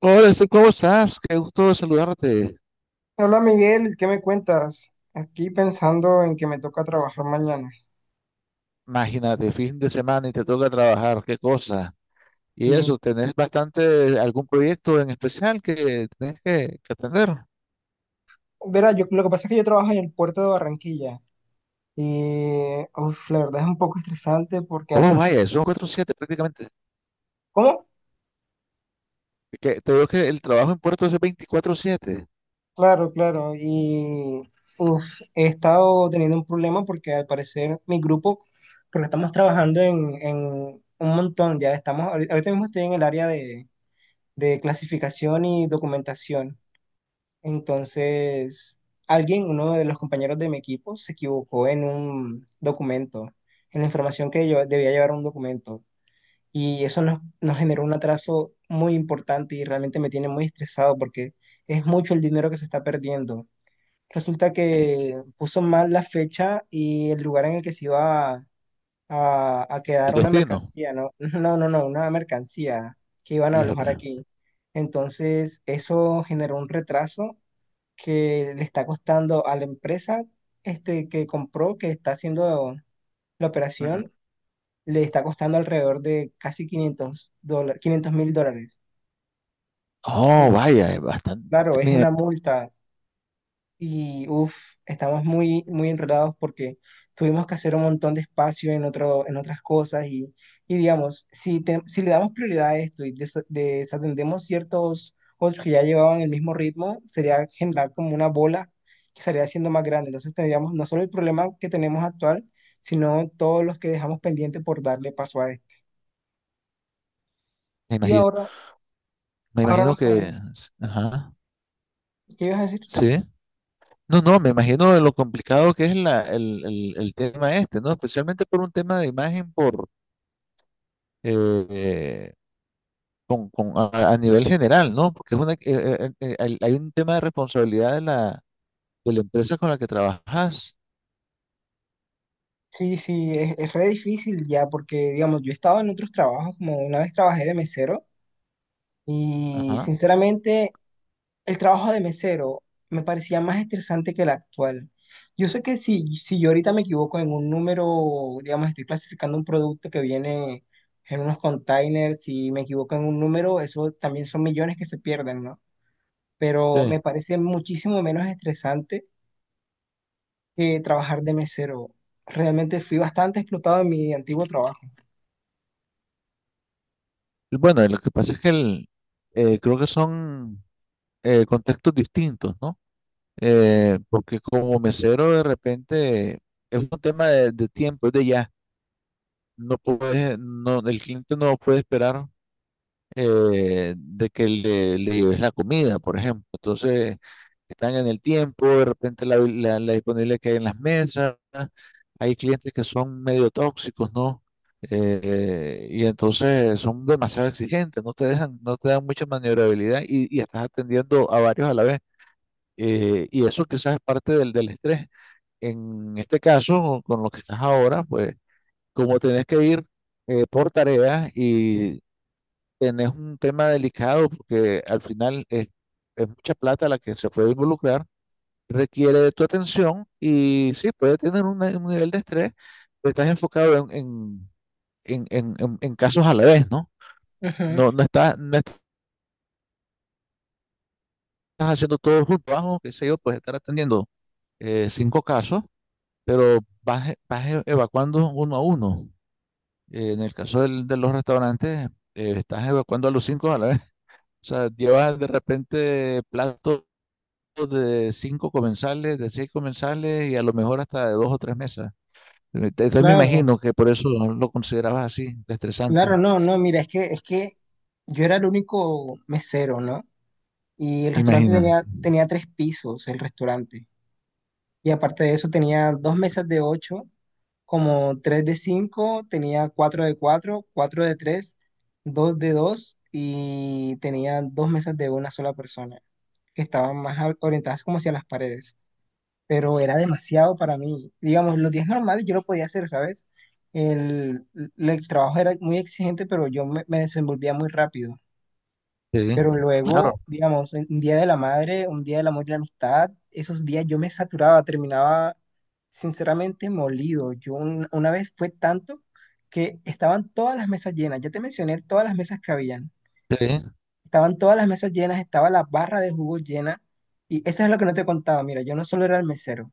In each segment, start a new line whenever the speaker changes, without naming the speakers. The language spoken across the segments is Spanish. Hola, Steve, ¿cómo estás? Qué gusto saludarte.
Hola Miguel, ¿qué me cuentas? Aquí pensando en que me toca trabajar mañana.
Imagínate, fin de semana y te toca trabajar, qué cosa. Y
Y,
eso, ¿tenés bastante algún proyecto en especial que tenés que atender?
verá, yo, lo que pasa es que yo trabajo en el puerto de Barranquilla y uf, la verdad es un poco estresante porque
Oh,
hace...
vaya, son 4/7 prácticamente.
¿Cómo?
Que, te digo que el trabajo en Puerto es 24/7.
Claro, claro. Y uf, he estado teniendo un problema porque al parecer mi grupo, porque estamos trabajando en un montón, ya estamos, ahorita ahorita mismo estoy en el área de clasificación y documentación. Entonces, alguien, uno de los compañeros de mi equipo, se equivocó en un documento, en la información que yo debía llevar un documento. Y eso nos generó un atraso muy importante y realmente me tiene muy estresado porque es mucho el dinero que se está perdiendo. Resulta
eh,
que puso mal la fecha y el lugar en el que se iba a
el
quedar una
destino.
mercancía, ¿no? No, no, no, una mercancía que iban a alojar
Híjole.
aquí. Entonces, eso generó un retraso que le está costando a la empresa que compró, que está haciendo la
Ujú.
operación, le está costando alrededor de casi $500, 500 mil dólares.
Oh, vaya, es bastante.
Claro, es
Me,
una multa. Y uff, estamos muy, muy enredados porque tuvimos que hacer un montón de espacio en otras cosas y, digamos, si le damos prioridad a esto y desatendemos ciertos otros que ya llevaban el mismo ritmo, sería generar como una bola que estaría haciendo más grande. Entonces tendríamos no solo el problema que tenemos actual, sino todos los que dejamos pendiente por darle paso a esto.
me
Y
imagino,
ahora,
me
ahora no
imagino que.
sabemos.
Ajá,
¿Qué ibas a decir?
sí. No, no, me imagino de lo complicado que es el tema este, ¿no? Especialmente por un tema de imagen por eh, eh, a nivel general, ¿no? Porque es una, hay hay un tema de responsabilidad de la empresa con la que trabajas.
Sí, sí, es re difícil ya porque, digamos, yo he estado en otros trabajos, como una vez trabajé de mesero. Y
Ajá.
sinceramente, el trabajo de mesero me parecía más estresante que el actual. Yo sé que si yo ahorita me equivoco en un número, digamos, estoy clasificando un producto que viene en unos containers, si me equivoco en un número, eso también son millones que se pierden, ¿no? Pero
Sí.
me parece muchísimo menos estresante que trabajar de mesero. Realmente fui bastante explotado en mi antiguo trabajo.
Y bueno, lo que pasa es que creo que son contextos distintos, ¿no? Porque como mesero de repente es un tema de tiempo, es de ya. No puedes, no, el cliente no puede esperar de que le lleves la comida, por ejemplo. Entonces, están en el tiempo, de repente la disponibilidad que hay en las mesas. Hay clientes que son medio tóxicos, ¿no? Y entonces son demasiado exigentes, no te dejan, no te dan mucha maniobrabilidad y estás atendiendo a varios a la vez. Y eso quizás es parte del estrés. En este caso, con lo que estás ahora, pues como tenés que ir por tareas y tenés un tema delicado porque al final es mucha plata la que se puede involucrar, requiere de tu atención y sí, puede tener un nivel de estrés, pero estás enfocado en casos a la vez, ¿no?
Ujú.
No, no estás haciendo todo junto, abajo, qué sé yo, puedes estar atendiendo cinco casos, pero evacuando uno a uno. En el caso de los restaurantes, estás evacuando a los cinco a la vez. O sea, llevas de repente platos de cinco comensales, de seis comensales y a lo mejor hasta de dos o tres mesas. Entonces me
Claro,
imagino que por eso lo considerabas así, de
claro,
estresante.
no, no, mira, es que yo era el único mesero, ¿no? Y el restaurante
Imagínate.
tenía tres pisos, el restaurante. Y aparte de eso, tenía dos mesas de ocho, como tres de cinco, tenía cuatro de cuatro, cuatro de tres, dos de dos, y tenía dos mesas de una sola persona, que estaban más a- orientadas como hacia las paredes. Pero era demasiado para mí. Digamos, los días normales yo lo podía hacer, ¿sabes? El, el trabajo era muy exigente, pero yo me desenvolvía muy rápido.
Sí,
Pero
claro,
luego, digamos, un día de la madre, un día del amor y la amistad, esos días yo me saturaba, terminaba sinceramente molido. Yo una vez fue tanto que estaban todas las mesas llenas. Ya te mencioné todas las mesas que habían.
sí.
Estaban todas las mesas llenas, estaba la barra de jugo llena. Y eso es lo que no te contaba. Mira, yo no solo era el mesero.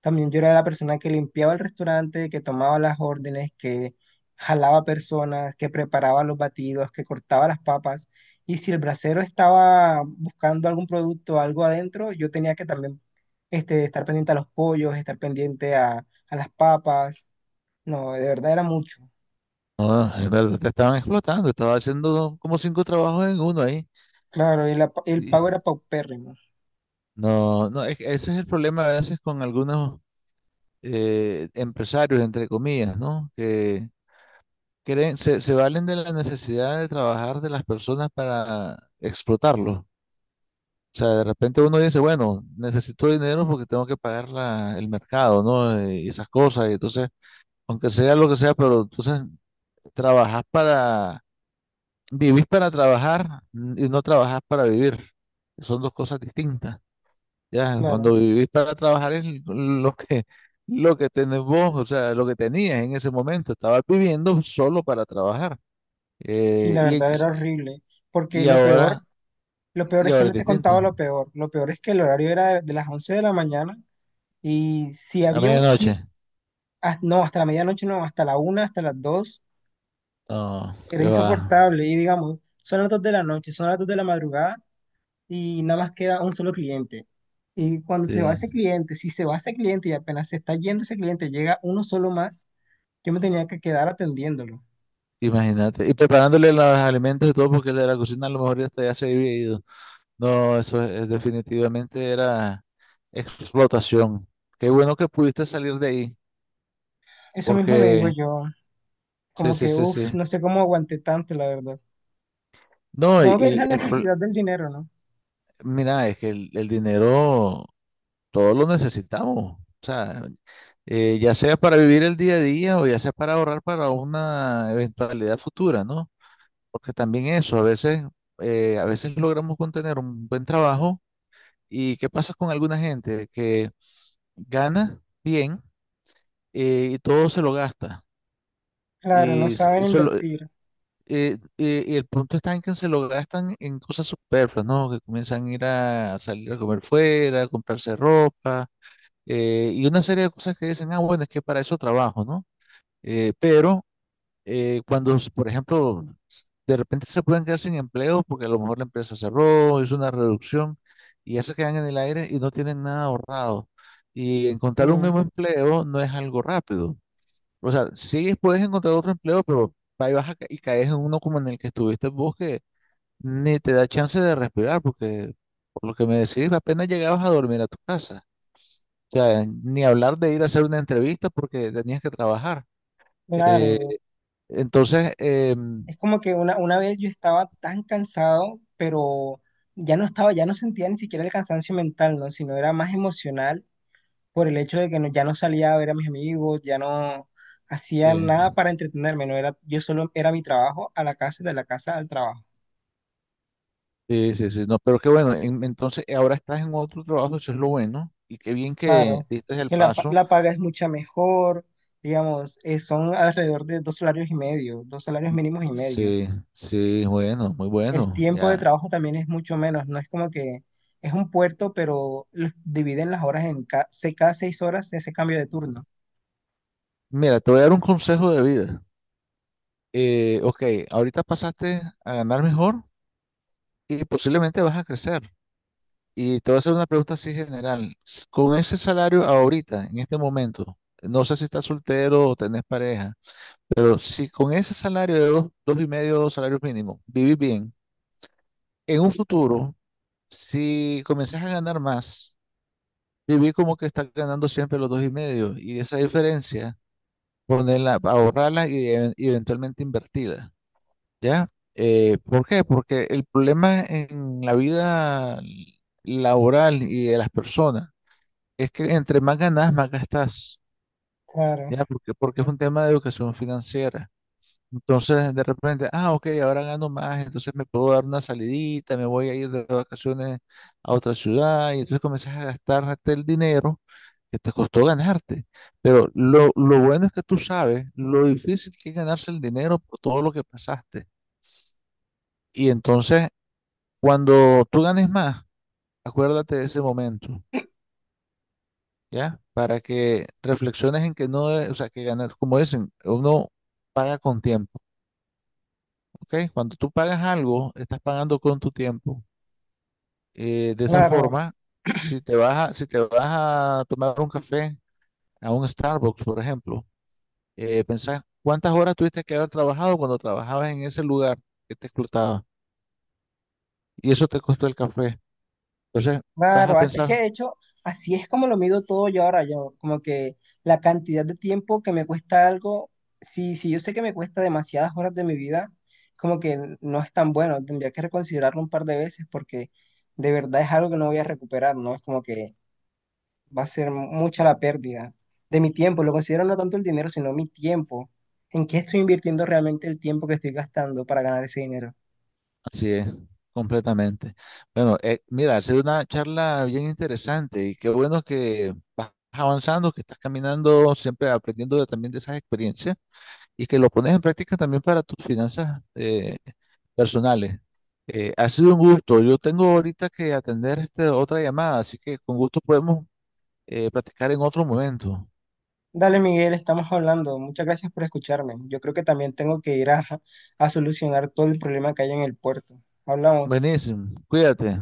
También yo era la persona que limpiaba el restaurante, que tomaba las órdenes, que jalaba personas, que preparaba los batidos, que cortaba las papas. Y si el bracero estaba buscando algún producto, algo adentro, yo tenía que también estar pendiente a los pollos, estar pendiente a las papas. No, de verdad era mucho.
No, es verdad, te estaban explotando, estaba haciendo como cinco trabajos en uno ahí.
Claro, y el
Y-
pago era paupérrimo.
No, no, es que ese es el problema a veces con algunos empresarios, entre comillas, ¿no? Que creen, se valen de la necesidad de trabajar de las personas para explotarlos. O sea, de repente uno dice, bueno, necesito dinero porque tengo que pagar el mercado, ¿no? Y esas cosas. Y entonces, aunque sea lo que sea, pero entonces trabajas para, vivís para trabajar, y no trabajas para vivir. Son dos cosas distintas. Ya,
Claro,
cuando vivís para trabajar es lo que tenés vos, o sea, lo que tenías en ese momento. Estabas viviendo solo para trabajar.
sí,
Eh,
la
y,
verdad era horrible. Porque
y ahora,
lo peor
y
es que
ahora es
no te
distinto.
contaba lo peor. Lo peor es que el horario era de las 11 de la mañana. Y si
A
había un clic,
medianoche.
ah, no, hasta la medianoche no, hasta la una, hasta las dos,
No,
era
qué va.
insoportable. Y digamos, son las dos de la noche, son las dos de la madrugada y nada más queda un solo cliente. Y cuando se va
Sí.
ese cliente, si se va ese cliente y apenas se está yendo ese cliente, llega uno solo más, yo me tenía que quedar atendiéndolo.
Imagínate, y preparándole los alimentos y todo, porque el de la cocina a lo mejor hasta ya se había ido. No, eso es definitivamente era explotación. Qué bueno que pudiste salir de ahí,
Eso mismo me digo
porque
yo,
sí,
como
sí,
que,
sí,
uff,
sí.
no sé cómo aguanté tanto, la verdad.
No,
Supongo que es la necesidad del dinero, ¿no?
mira, es que el dinero todo lo necesitamos. O sea, ya sea para vivir el día a día o ya sea para ahorrar para una eventualidad futura, ¿no? Porque también eso, a veces logramos con tener un buen trabajo. ¿Y qué pasa con alguna gente que gana bien y todo se lo gasta?
Claro, no
Y, s-
saben
y solo-
invertir.
y el punto está en que se lo gastan en cosas superfluas, ¿no? Que comienzan a ir a salir a comer fuera, a comprarse ropa, y una serie de cosas que dicen, ah, bueno, es que para eso trabajo, ¿no? Pero cuando, por ejemplo, de repente se pueden quedar sin empleo porque a lo mejor la empresa cerró, hizo una reducción y ya se quedan en el aire y no tienen nada ahorrado. Y
Sí,
encontrar un nuevo empleo no es algo rápido. O sea, sí puedes encontrar otro empleo, pero ahí vas a ca- y caes en uno como en el que estuviste vos que ni te da chance de respirar porque, por lo que me decís, apenas llegabas a dormir a tu casa. O sea, ni hablar de ir a hacer una entrevista porque tenías que trabajar. Eh,
claro.
entonces, em,
Es como que una vez yo estaba tan cansado, pero ya no estaba, ya no sentía ni siquiera el cansancio mental, ¿no? Sino era más emocional por el hecho de que ya no salía a ver a mis amigos, ya no hacía
Sí,
nada para entretenerme, ¿no? Era, yo solo era mi trabajo a la casa, de la casa al trabajo.
sí, sí, sí, no, pero qué bueno, entonces ahora estás en otro trabajo, eso es lo bueno, y qué bien que
Claro,
diste el
que
paso,
la paga es mucha mejor, digamos, son alrededor de dos salarios y medio, dos salarios mínimos y medio.
sí, sí, bueno, muy
El
bueno,
tiempo de
ya.
trabajo también es mucho menos, no es como que es un puerto, pero los dividen las horas en cada 6 horas ese cambio de turno.
Mira, te voy a dar un consejo de vida. Ok, ahorita pasaste a ganar mejor y posiblemente vas a crecer. Y te voy a hacer una pregunta así general. Con ese salario ahorita, en este momento, no sé si estás soltero o tenés pareja, pero si con ese salario de dos y medio salarios mínimos, vivís bien en un futuro. Si comenzás a ganar más, viví como que estás ganando siempre los dos y medio, y esa diferencia, ponerla, ahorrarla y eventualmente invertirla, ¿ya? ¿Por qué? Porque el problema en la vida laboral y de las personas es que entre más ganas, más gastas,
Claro,
¿ya? Porque es un tema de educación financiera. Entonces, de repente, ah, ok, ahora gano más, entonces me puedo dar una salidita, me voy a ir de vacaciones a otra ciudad, y entonces comienzas a gastarte el dinero que te costó ganarte. Pero lo bueno es que tú sabes lo difícil que es ganarse el dinero por todo lo que pasaste. Y entonces, cuando tú ganes más, acuérdate de ese momento, ¿ya? Para que reflexiones en que no, o sea, que ganar, como dicen, uno paga con tiempo, ¿ok? Cuando tú pagas algo, estás pagando con tu tiempo. De esa
claro,
forma, si te vas a tomar un café a un Starbucks, por ejemplo, pensás cuántas horas tuviste que haber trabajado cuando trabajabas en ese lugar que te explotaba y eso te costó el café. Entonces, vas a
claro. Es que
pensar,
de hecho, así es como lo mido todo yo ahora, yo, como que la cantidad de tiempo que me cuesta algo, si yo sé que me cuesta demasiadas horas de mi vida, como que no es tan bueno, tendría que reconsiderarlo un par de veces porque de verdad es algo que no voy a recuperar, ¿no? Es como que va a ser mucha la pérdida de mi tiempo. Lo considero no tanto el dinero, sino mi tiempo. ¿En qué estoy invirtiendo realmente el tiempo que estoy gastando para ganar ese dinero?
así es, completamente. Bueno, mira, ha sido una charla bien interesante y qué bueno que vas avanzando, que estás caminando, siempre aprendiendo también de esas experiencias y que lo pones en práctica también para tus finanzas personales. Ha sido un gusto. Yo tengo ahorita que atender otra llamada, así que con gusto podemos platicar en otro momento.
Dale, Miguel, estamos hablando. Muchas gracias por escucharme. Yo creo que también tengo que ir a solucionar todo el problema que hay en el puerto. Hablamos.
Buenísimo. Cuídate.